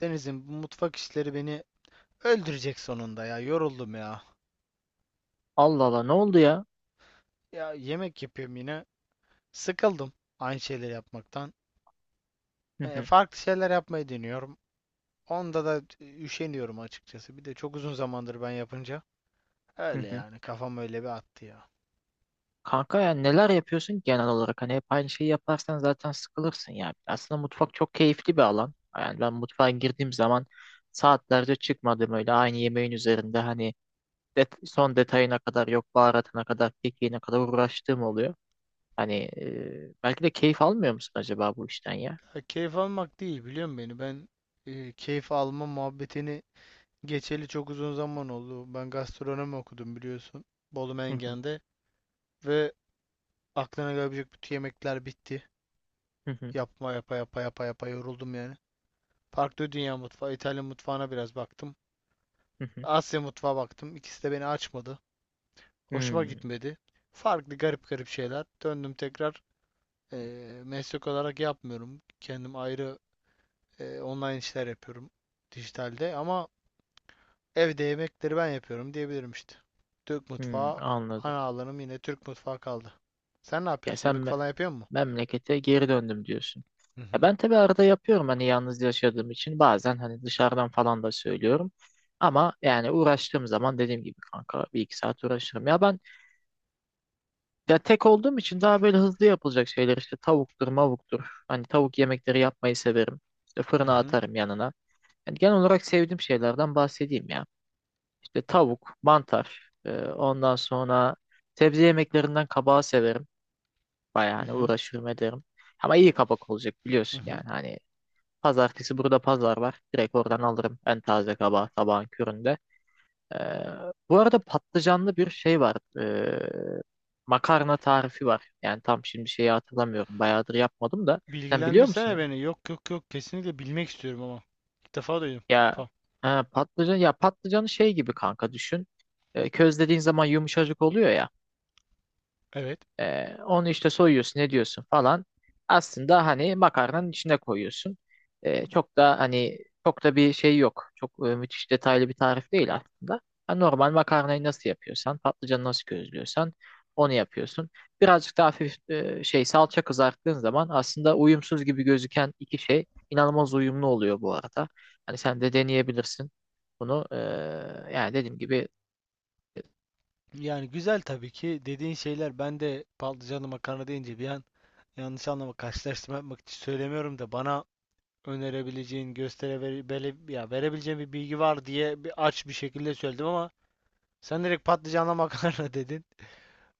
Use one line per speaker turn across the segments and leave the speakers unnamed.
Deniz'im, bu mutfak işleri beni öldürecek sonunda ya. Yoruldum ya.
Allah Allah, ne oldu ya?
Ya yemek yapıyorum yine. Sıkıldım aynı şeyleri yapmaktan.
Hı hı,
Farklı şeyler yapmayı deniyorum. Onda da üşeniyorum açıkçası. Bir de çok uzun zamandır ben yapınca.
hı
Öyle
hı.
yani, kafam öyle bir attı ya.
Kanka ya, neler yapıyorsun ki genel olarak? Hani hep aynı şeyi yaparsan zaten sıkılırsın ya. Aslında mutfak çok keyifli bir alan. Yani ben mutfağa girdiğim zaman saatlerce çıkmadım öyle aynı yemeğin üzerinde, hani son detayına kadar, yok baharatına kadar, kekiğine kadar uğraştığım oluyor. Hani belki de keyif almıyor musun acaba bu işten ya?
Ya keyif almak değil, biliyor musun beni? Ben keyif alma muhabbetini geçeli çok uzun zaman oldu. Ben gastronomi okudum, biliyorsun. Bolu
Hı hı,
Mengen'de. Ve aklına gelebilecek bütün yemekler bitti.
hı hı,
Yapa yapa yapa yapa yoruldum yani. Farklı dünya mutfağı, İtalyan mutfağına biraz baktım.
hı hı.
Asya mutfağı baktım. İkisi de beni açmadı. Hoşuma
Hmm,
gitmedi. Farklı garip garip şeyler. Döndüm tekrar. Meslek olarak yapmıyorum. Kendim ayrı online işler yapıyorum, dijitalde, ama evde yemekleri ben yapıyorum diyebilirim işte. Türk
hmm,
mutfağı,
anladım.
ana alanım yine Türk mutfağı kaldı. Sen ne
Ya
yapıyorsun? Yemek
sen
falan yapıyor musun?
memlekete geri döndüm diyorsun.
Hı
Ya
hı.
ben tabii arada yapıyorum, hani yalnız yaşadığım için bazen hani dışarıdan falan da söylüyorum. Ama yani uğraştığım zaman dediğim gibi kanka, bir iki saat uğraşırım. Ya ben ya tek olduğum için daha böyle hızlı yapılacak şeyler, işte tavuktur mavuktur. Hani tavuk yemekleri yapmayı severim. İşte
Hı
fırına
hı.
atarım yanına. Yani genel olarak sevdiğim şeylerden bahsedeyim ya. İşte tavuk, mantar, ondan sonra sebze yemeklerinden kabağı severim. Bayağı
Hı
hani
hı.
uğraşırım ederim. Ama iyi kabak olacak
Hı
biliyorsun yani.
hı.
Hani pazartesi burada pazar var. Direkt oradan alırım en taze kabağı sabahın köründe. Ee, Bu arada patlıcanlı bir şey var. Makarna tarifi var. Yani tam şimdi şeyi hatırlamıyorum. Bayağıdır yapmadım da. Sen biliyor musun?
Bilgilendirsene beni. Yok, yok, yok, kesinlikle bilmek istiyorum ama. İlk defa duydum.
Ya
Pa.
ha, patlıcanı şey gibi kanka düşün. Közlediğin zaman yumuşacık oluyor ya.
Evet.
Onu işte soyuyorsun, ne diyorsun falan. Aslında hani makarnanın içine koyuyorsun. Çok da hani çok da bir şey yok. Çok müthiş detaylı bir tarif değil aslında. Ha, normal makarnayı nasıl yapıyorsan, patlıcanı nasıl közlüyorsan onu yapıyorsun. Birazcık daha hafif şey, salça kızarttığın zaman aslında uyumsuz gibi gözüken iki şey inanılmaz uyumlu oluyor bu arada. Hani sen de deneyebilirsin. Bunu yani dediğim gibi,
Yani güzel tabii ki dediğin şeyler, ben de patlıcanlı makarna deyince bir an, yanlış anlama, karşılaştırma yapmak için söylemiyorum da, bana önerebileceğin, gösterebileceğin ya verebileceğin bir bilgi var diye bir aç bir şekilde söyledim ama sen direkt patlıcanlı makarna dedin.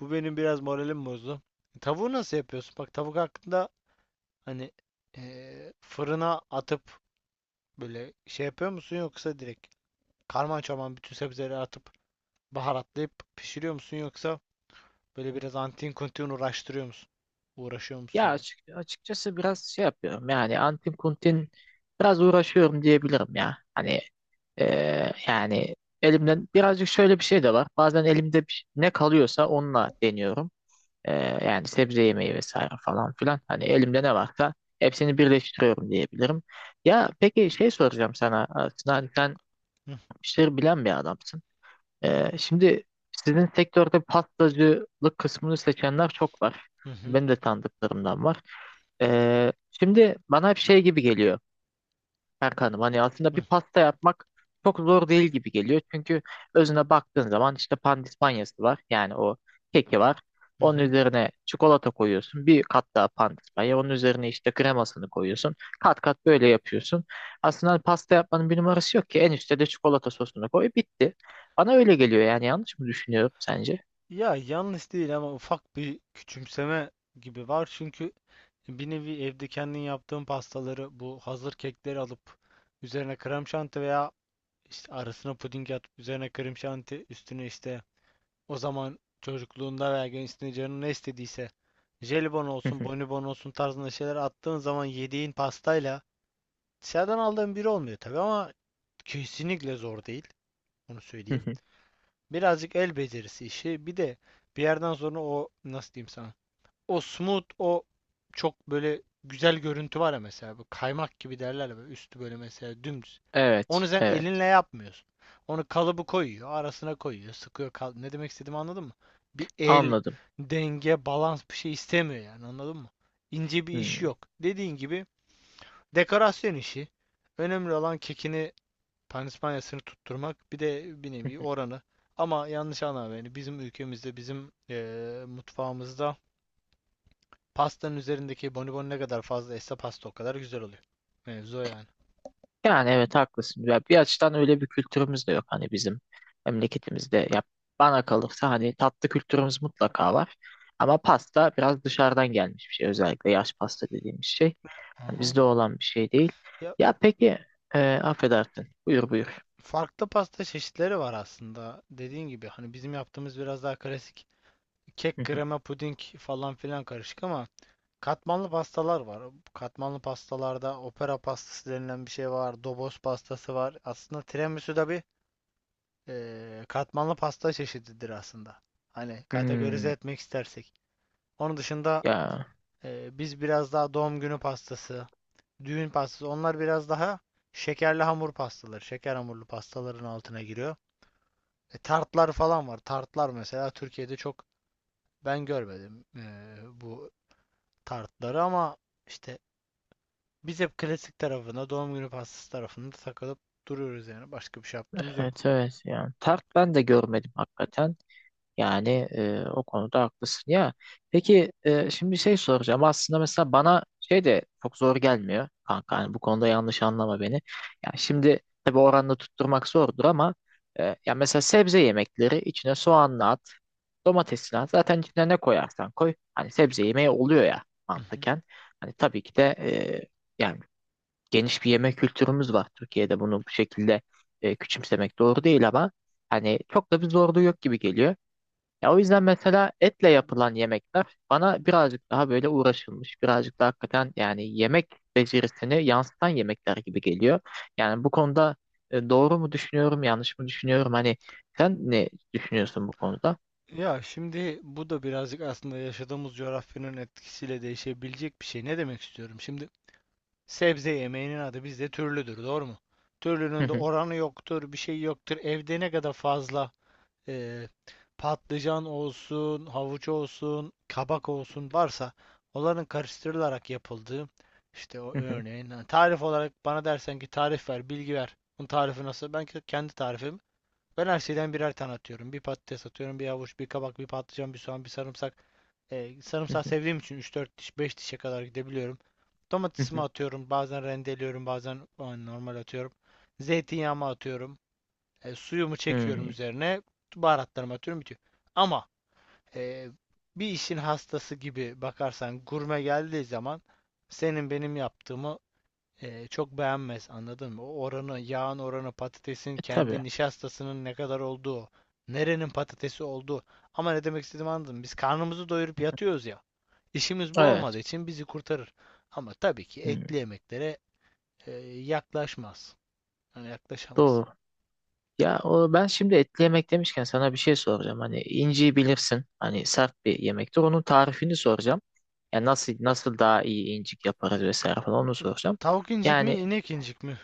Bu benim biraz moralim bozdu. Tavuğu nasıl yapıyorsun? Bak, tavuk hakkında, hani, fırına atıp böyle şey yapıyor musun, yoksa direkt karman çorman bütün sebzeleri atıp baharatlayıp pişiriyor musun, yoksa böyle biraz antin kuntin uğraştırıyor musun? Uğraşıyor musun
ya
yani?
açıkçası biraz şey yapıyorum yani, Antin Kuntin biraz uğraşıyorum diyebilirim ya. Hani e, yani elimden birazcık şöyle bir şey de var. Bazen elimde ne kalıyorsa onunla deniyorum. Ee, Yani sebze yemeği vesaire falan filan. Hani elimde ne varsa hepsini birleştiriyorum diyebilirim. Ya peki, şey soracağım sana aslında, hani sen
Hı
işleri bilen bir adamsın. Şimdi sizin sektörde pastacılık kısmını seçenler çok var.
hı, hı
Benim de tanıdıklarımdan var. Şimdi bana hep şey gibi geliyor. Erkan'ım, hani aslında bir
hı,
pasta yapmak çok zor değil gibi geliyor. Çünkü özüne baktığın zaman işte pandispanyası var. Yani o keki var.
hı
Onun
hı.
üzerine çikolata koyuyorsun. Bir kat daha pandispanya. Onun üzerine işte kremasını koyuyorsun. Kat kat böyle yapıyorsun. Aslında hani pasta yapmanın bir numarası yok ki. En üstte de çikolata sosunu koy. Bitti. Bana öyle geliyor yani. Yanlış mı düşünüyorum sence?
Ya yanlış değil ama ufak bir küçümseme gibi var, çünkü bir nevi evde kendin yaptığın pastaları, bu hazır kekleri alıp üzerine krem şanti veya işte arasına puding atıp üzerine krem şanti, üstüne işte, o zaman çocukluğunda veya gençliğinde canın ne istediyse, jelibon olsun, bonibon olsun tarzında şeyler attığın zaman yediğin pastayla dışarıdan aldığın biri olmuyor tabii, ama kesinlikle zor değil. Onu söyleyeyim. Birazcık el becerisi işi. Bir de bir yerden sonra, o, nasıl diyeyim sana? O smooth, o çok böyle güzel görüntü var ya mesela. Bu kaymak gibi derler ya, böyle üstü böyle mesela dümdüz.
Evet,
Onu sen
evet.
elinle yapmıyorsun. Onu kalıbı koyuyor, arasına koyuyor, sıkıyor. Ne demek istediğimi anladın mı? Bir el,
Anladım.
denge, balans bir şey istemiyor yani, anladın mı? İnce bir
Hmm.
iş yok. Dediğin gibi dekorasyon işi. Önemli olan kekini, panispanyasını tutturmak. Bir de bir nevi oranı. Ama yanlış anlama beni. Bizim ülkemizde, bizim mutfağımızda, pastanın üzerindeki bonibon ne kadar fazlaysa pasta o kadar güzel oluyor. Mevzu o yani.
Yani evet, haklısın. Ya bir açıdan öyle bir kültürümüz de yok hani bizim memleketimizde. Ya bana kalırsa hani tatlı kültürümüz mutlaka var. Ama pasta biraz dışarıdan gelmiş bir şey. Özellikle yaş pasta dediğimiz şey.
Hı
Hani
hı.
bizde olan bir şey değil.
Ya,
Ya peki affedersin. Buyur buyur.
farklı pasta çeşitleri var aslında. Dediğin gibi hani bizim yaptığımız biraz daha klasik.
Hı
Kek,
hı.
krema, puding falan filan karışık, ama katmanlı pastalar var. Katmanlı pastalarda opera pastası denilen bir şey var. Dobos pastası var. Aslında tiramisu da bir katmanlı pasta çeşididir aslında. Hani kategorize
Hmm,
etmek istersek. Onun dışında
ya
biz biraz daha doğum günü pastası, düğün pastası. Onlar biraz daha şekerli hamur pastaları. Şeker hamurlu pastaların altına giriyor. E, tartlar falan var. Tartlar mesela Türkiye'de çok ben görmedim bu tartları, ama işte biz hep klasik tarafına, doğum günü pastası tarafında takılıp duruyoruz yani. Başka bir şey yaptığımız yok.
evet evet, ya tart ben de görmedim hakikaten. Yani o konuda haklısın ya. Peki şimdi şey soracağım. Aslında mesela bana şey de çok zor gelmiyor kanka. Hani bu konuda yanlış anlama beni. Ya şimdi tabii oranını tutturmak zordur ama ya mesela sebze yemekleri, içine soğanla at, domatesini at. Zaten içine ne koyarsan koy. Hani sebze yemeği oluyor ya
Hı hı.
mantıken. Hani tabii ki de yani geniş bir yemek kültürümüz var Türkiye'de, bunu bu şekilde küçümsemek doğru değil, ama hani çok da bir zorluğu yok gibi geliyor. Ya o yüzden mesela etle yapılan yemekler bana birazcık daha böyle uğraşılmış, birazcık daha hakikaten yani yemek becerisini yansıtan yemekler gibi geliyor. Yani bu konuda doğru mu düşünüyorum, yanlış mı düşünüyorum? Hani sen ne düşünüyorsun bu konuda?
Ya şimdi bu da birazcık aslında yaşadığımız coğrafyanın etkisiyle değişebilecek bir şey. Ne demek istiyorum? Şimdi, sebze yemeğinin adı bizde türlüdür, doğru mu?
Hı
Türlünün de
hı,
oranı yoktur, bir şey yoktur. Evde ne kadar fazla e, patlıcan olsun, havuç olsun, kabak olsun varsa onların karıştırılarak yapıldığı işte o,
hı hı,
örneğin, ha, tarif olarak bana dersen ki tarif ver, bilgi ver. Bunun tarifi nasıl? Ben kendi tarifim. Ben her şeyden birer tane atıyorum. Bir patates atıyorum, bir havuç, bir kabak, bir patlıcan, bir soğan, bir sarımsak.
hı
Sarımsak
hı,
sevdiğim için üç dört diş, 5 dişe kadar gidebiliyorum.
hı
Domatesimi
hı.
atıyorum. Bazen rendeliyorum, bazen yani normal atıyorum. Zeytinyağımı atıyorum. Suyumu çekiyorum
Hmm.
üzerine. Baharatlarımı atıyorum, bitiyor. Ama e, bir işin hastası gibi bakarsan, gurme geldiği zaman senin benim yaptığımı çok beğenmez, anladın mı? O oranı, yağın oranı, patatesin
E, tabii.
kendi nişastasının ne kadar olduğu, nerenin patatesi olduğu. Ama ne demek istediğimi anladın mı? Biz karnımızı doyurup yatıyoruz ya. İşimiz bu olmadığı
Evet.
için bizi kurtarır. Ama tabii ki
Hmm.
etli yemeklere e, yaklaşmaz. Yani yaklaşamaz.
Doğru. Ya o, ben şimdi etli yemek demişken sana bir şey soracağım. Hani inciyi bilirsin. Hani sert bir yemektir. Onun tarifini soracağım. Yani nasıl daha iyi incik yaparız vesaire falan onu soracağım.
Tavuk incik mi,
Yani
inek incik mi?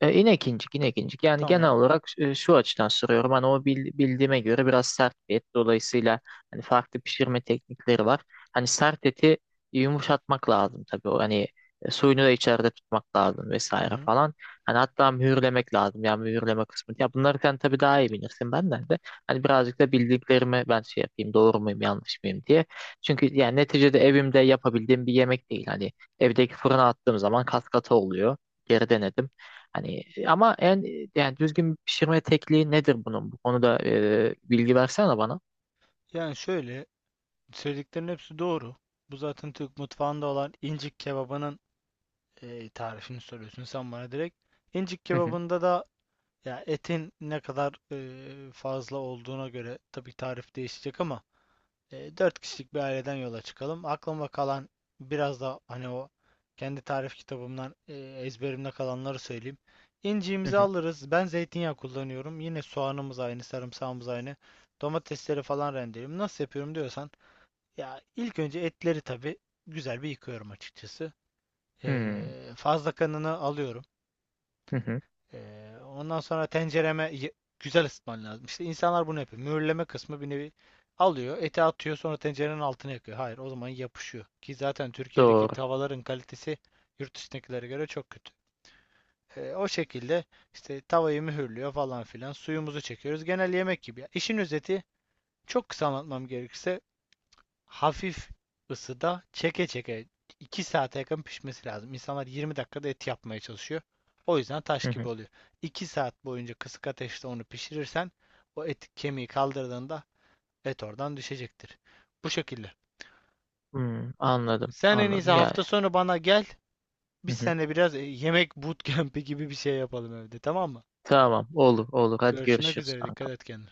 inek incik, inek. Yani genel
Tamam.
olarak şu açıdan soruyorum. Hani o bildiğime göre biraz sert bir et. Dolayısıyla hani farklı pişirme teknikleri var. Hani sert eti yumuşatmak lazım tabii. O hani suyunu da içeride tutmak lazım
Hı
vesaire
hı.
falan. Hani hatta mühürlemek lazım. Yani mühürleme kısmı. Ya bunları sen tabii daha iyi bilirsin benden de. Hani birazcık da bildiklerimi ben şey yapayım, doğru muyum, yanlış mıyım diye. Çünkü yani neticede evimde yapabildiğim bir yemek değil. Hani evdeki fırına attığım zaman kat kata oluyor. Geri denedim. Hani ama en, yani düzgün bir pişirme tekniği nedir bunun? Bu konuda bilgi versene bana.
Yani şöyle, söylediklerin hepsi doğru. Bu zaten Türk mutfağında olan incik kebabının tarifini soruyorsun sen bana direkt. İncik
Hı hı,
kebabında da ya etin ne kadar fazla olduğuna göre tabii tarif değişecek, ama 4 kişilik bir aileden yola çıkalım. Aklıma kalan, biraz da hani o kendi tarif kitabımdan ezberimde kalanları söyleyeyim.
hı
İnciğimizi
hı,
alırız. Ben zeytinyağı kullanıyorum. Yine soğanımız aynı, sarımsağımız aynı. Domatesleri falan rendeliyorum. Nasıl yapıyorum diyorsan, ya ilk önce etleri tabii güzel bir yıkıyorum açıkçası. E,
hı,
Fazla kanını alıyorum.
hı hı.
Ondan sonra tencereme güzel ısıtman lazım. İşte insanlar bunu yapıyor. Mühürleme kısmı bir nevi, alıyor, eti atıyor, sonra tencerenin altına yakıyor. Hayır, o zaman yapışıyor. Ki zaten Türkiye'deki
Doğru.
tavaların kalitesi yurt dışındakilere göre çok kötü. O şekilde işte tavayı mühürlüyor falan filan. Suyumuzu çekiyoruz. Genel yemek gibi, ya. İşin özeti, çok kısa anlatmam gerekirse, hafif ısıda çeke çeke 2 saate yakın pişmesi lazım. İnsanlar 20 dakikada et yapmaya çalışıyor. O yüzden taş
Hı
gibi
hı,
oluyor. 2 saat boyunca kısık ateşte onu pişirirsen, o et kemiği kaldırdığında et oradan düşecektir. Bu şekilde.
hı. Anladım,
Sen en iyisi
anladım yani.
hafta sonu bana gel.
Hı
Biz
hı.
seninle biraz yemek bootcamp'i gibi bir şey yapalım evde, tamam mı?
Tamam, olur, olur. Hadi
Görüşmek
görüşürüz
üzere.
kanka.
Dikkat et kendine.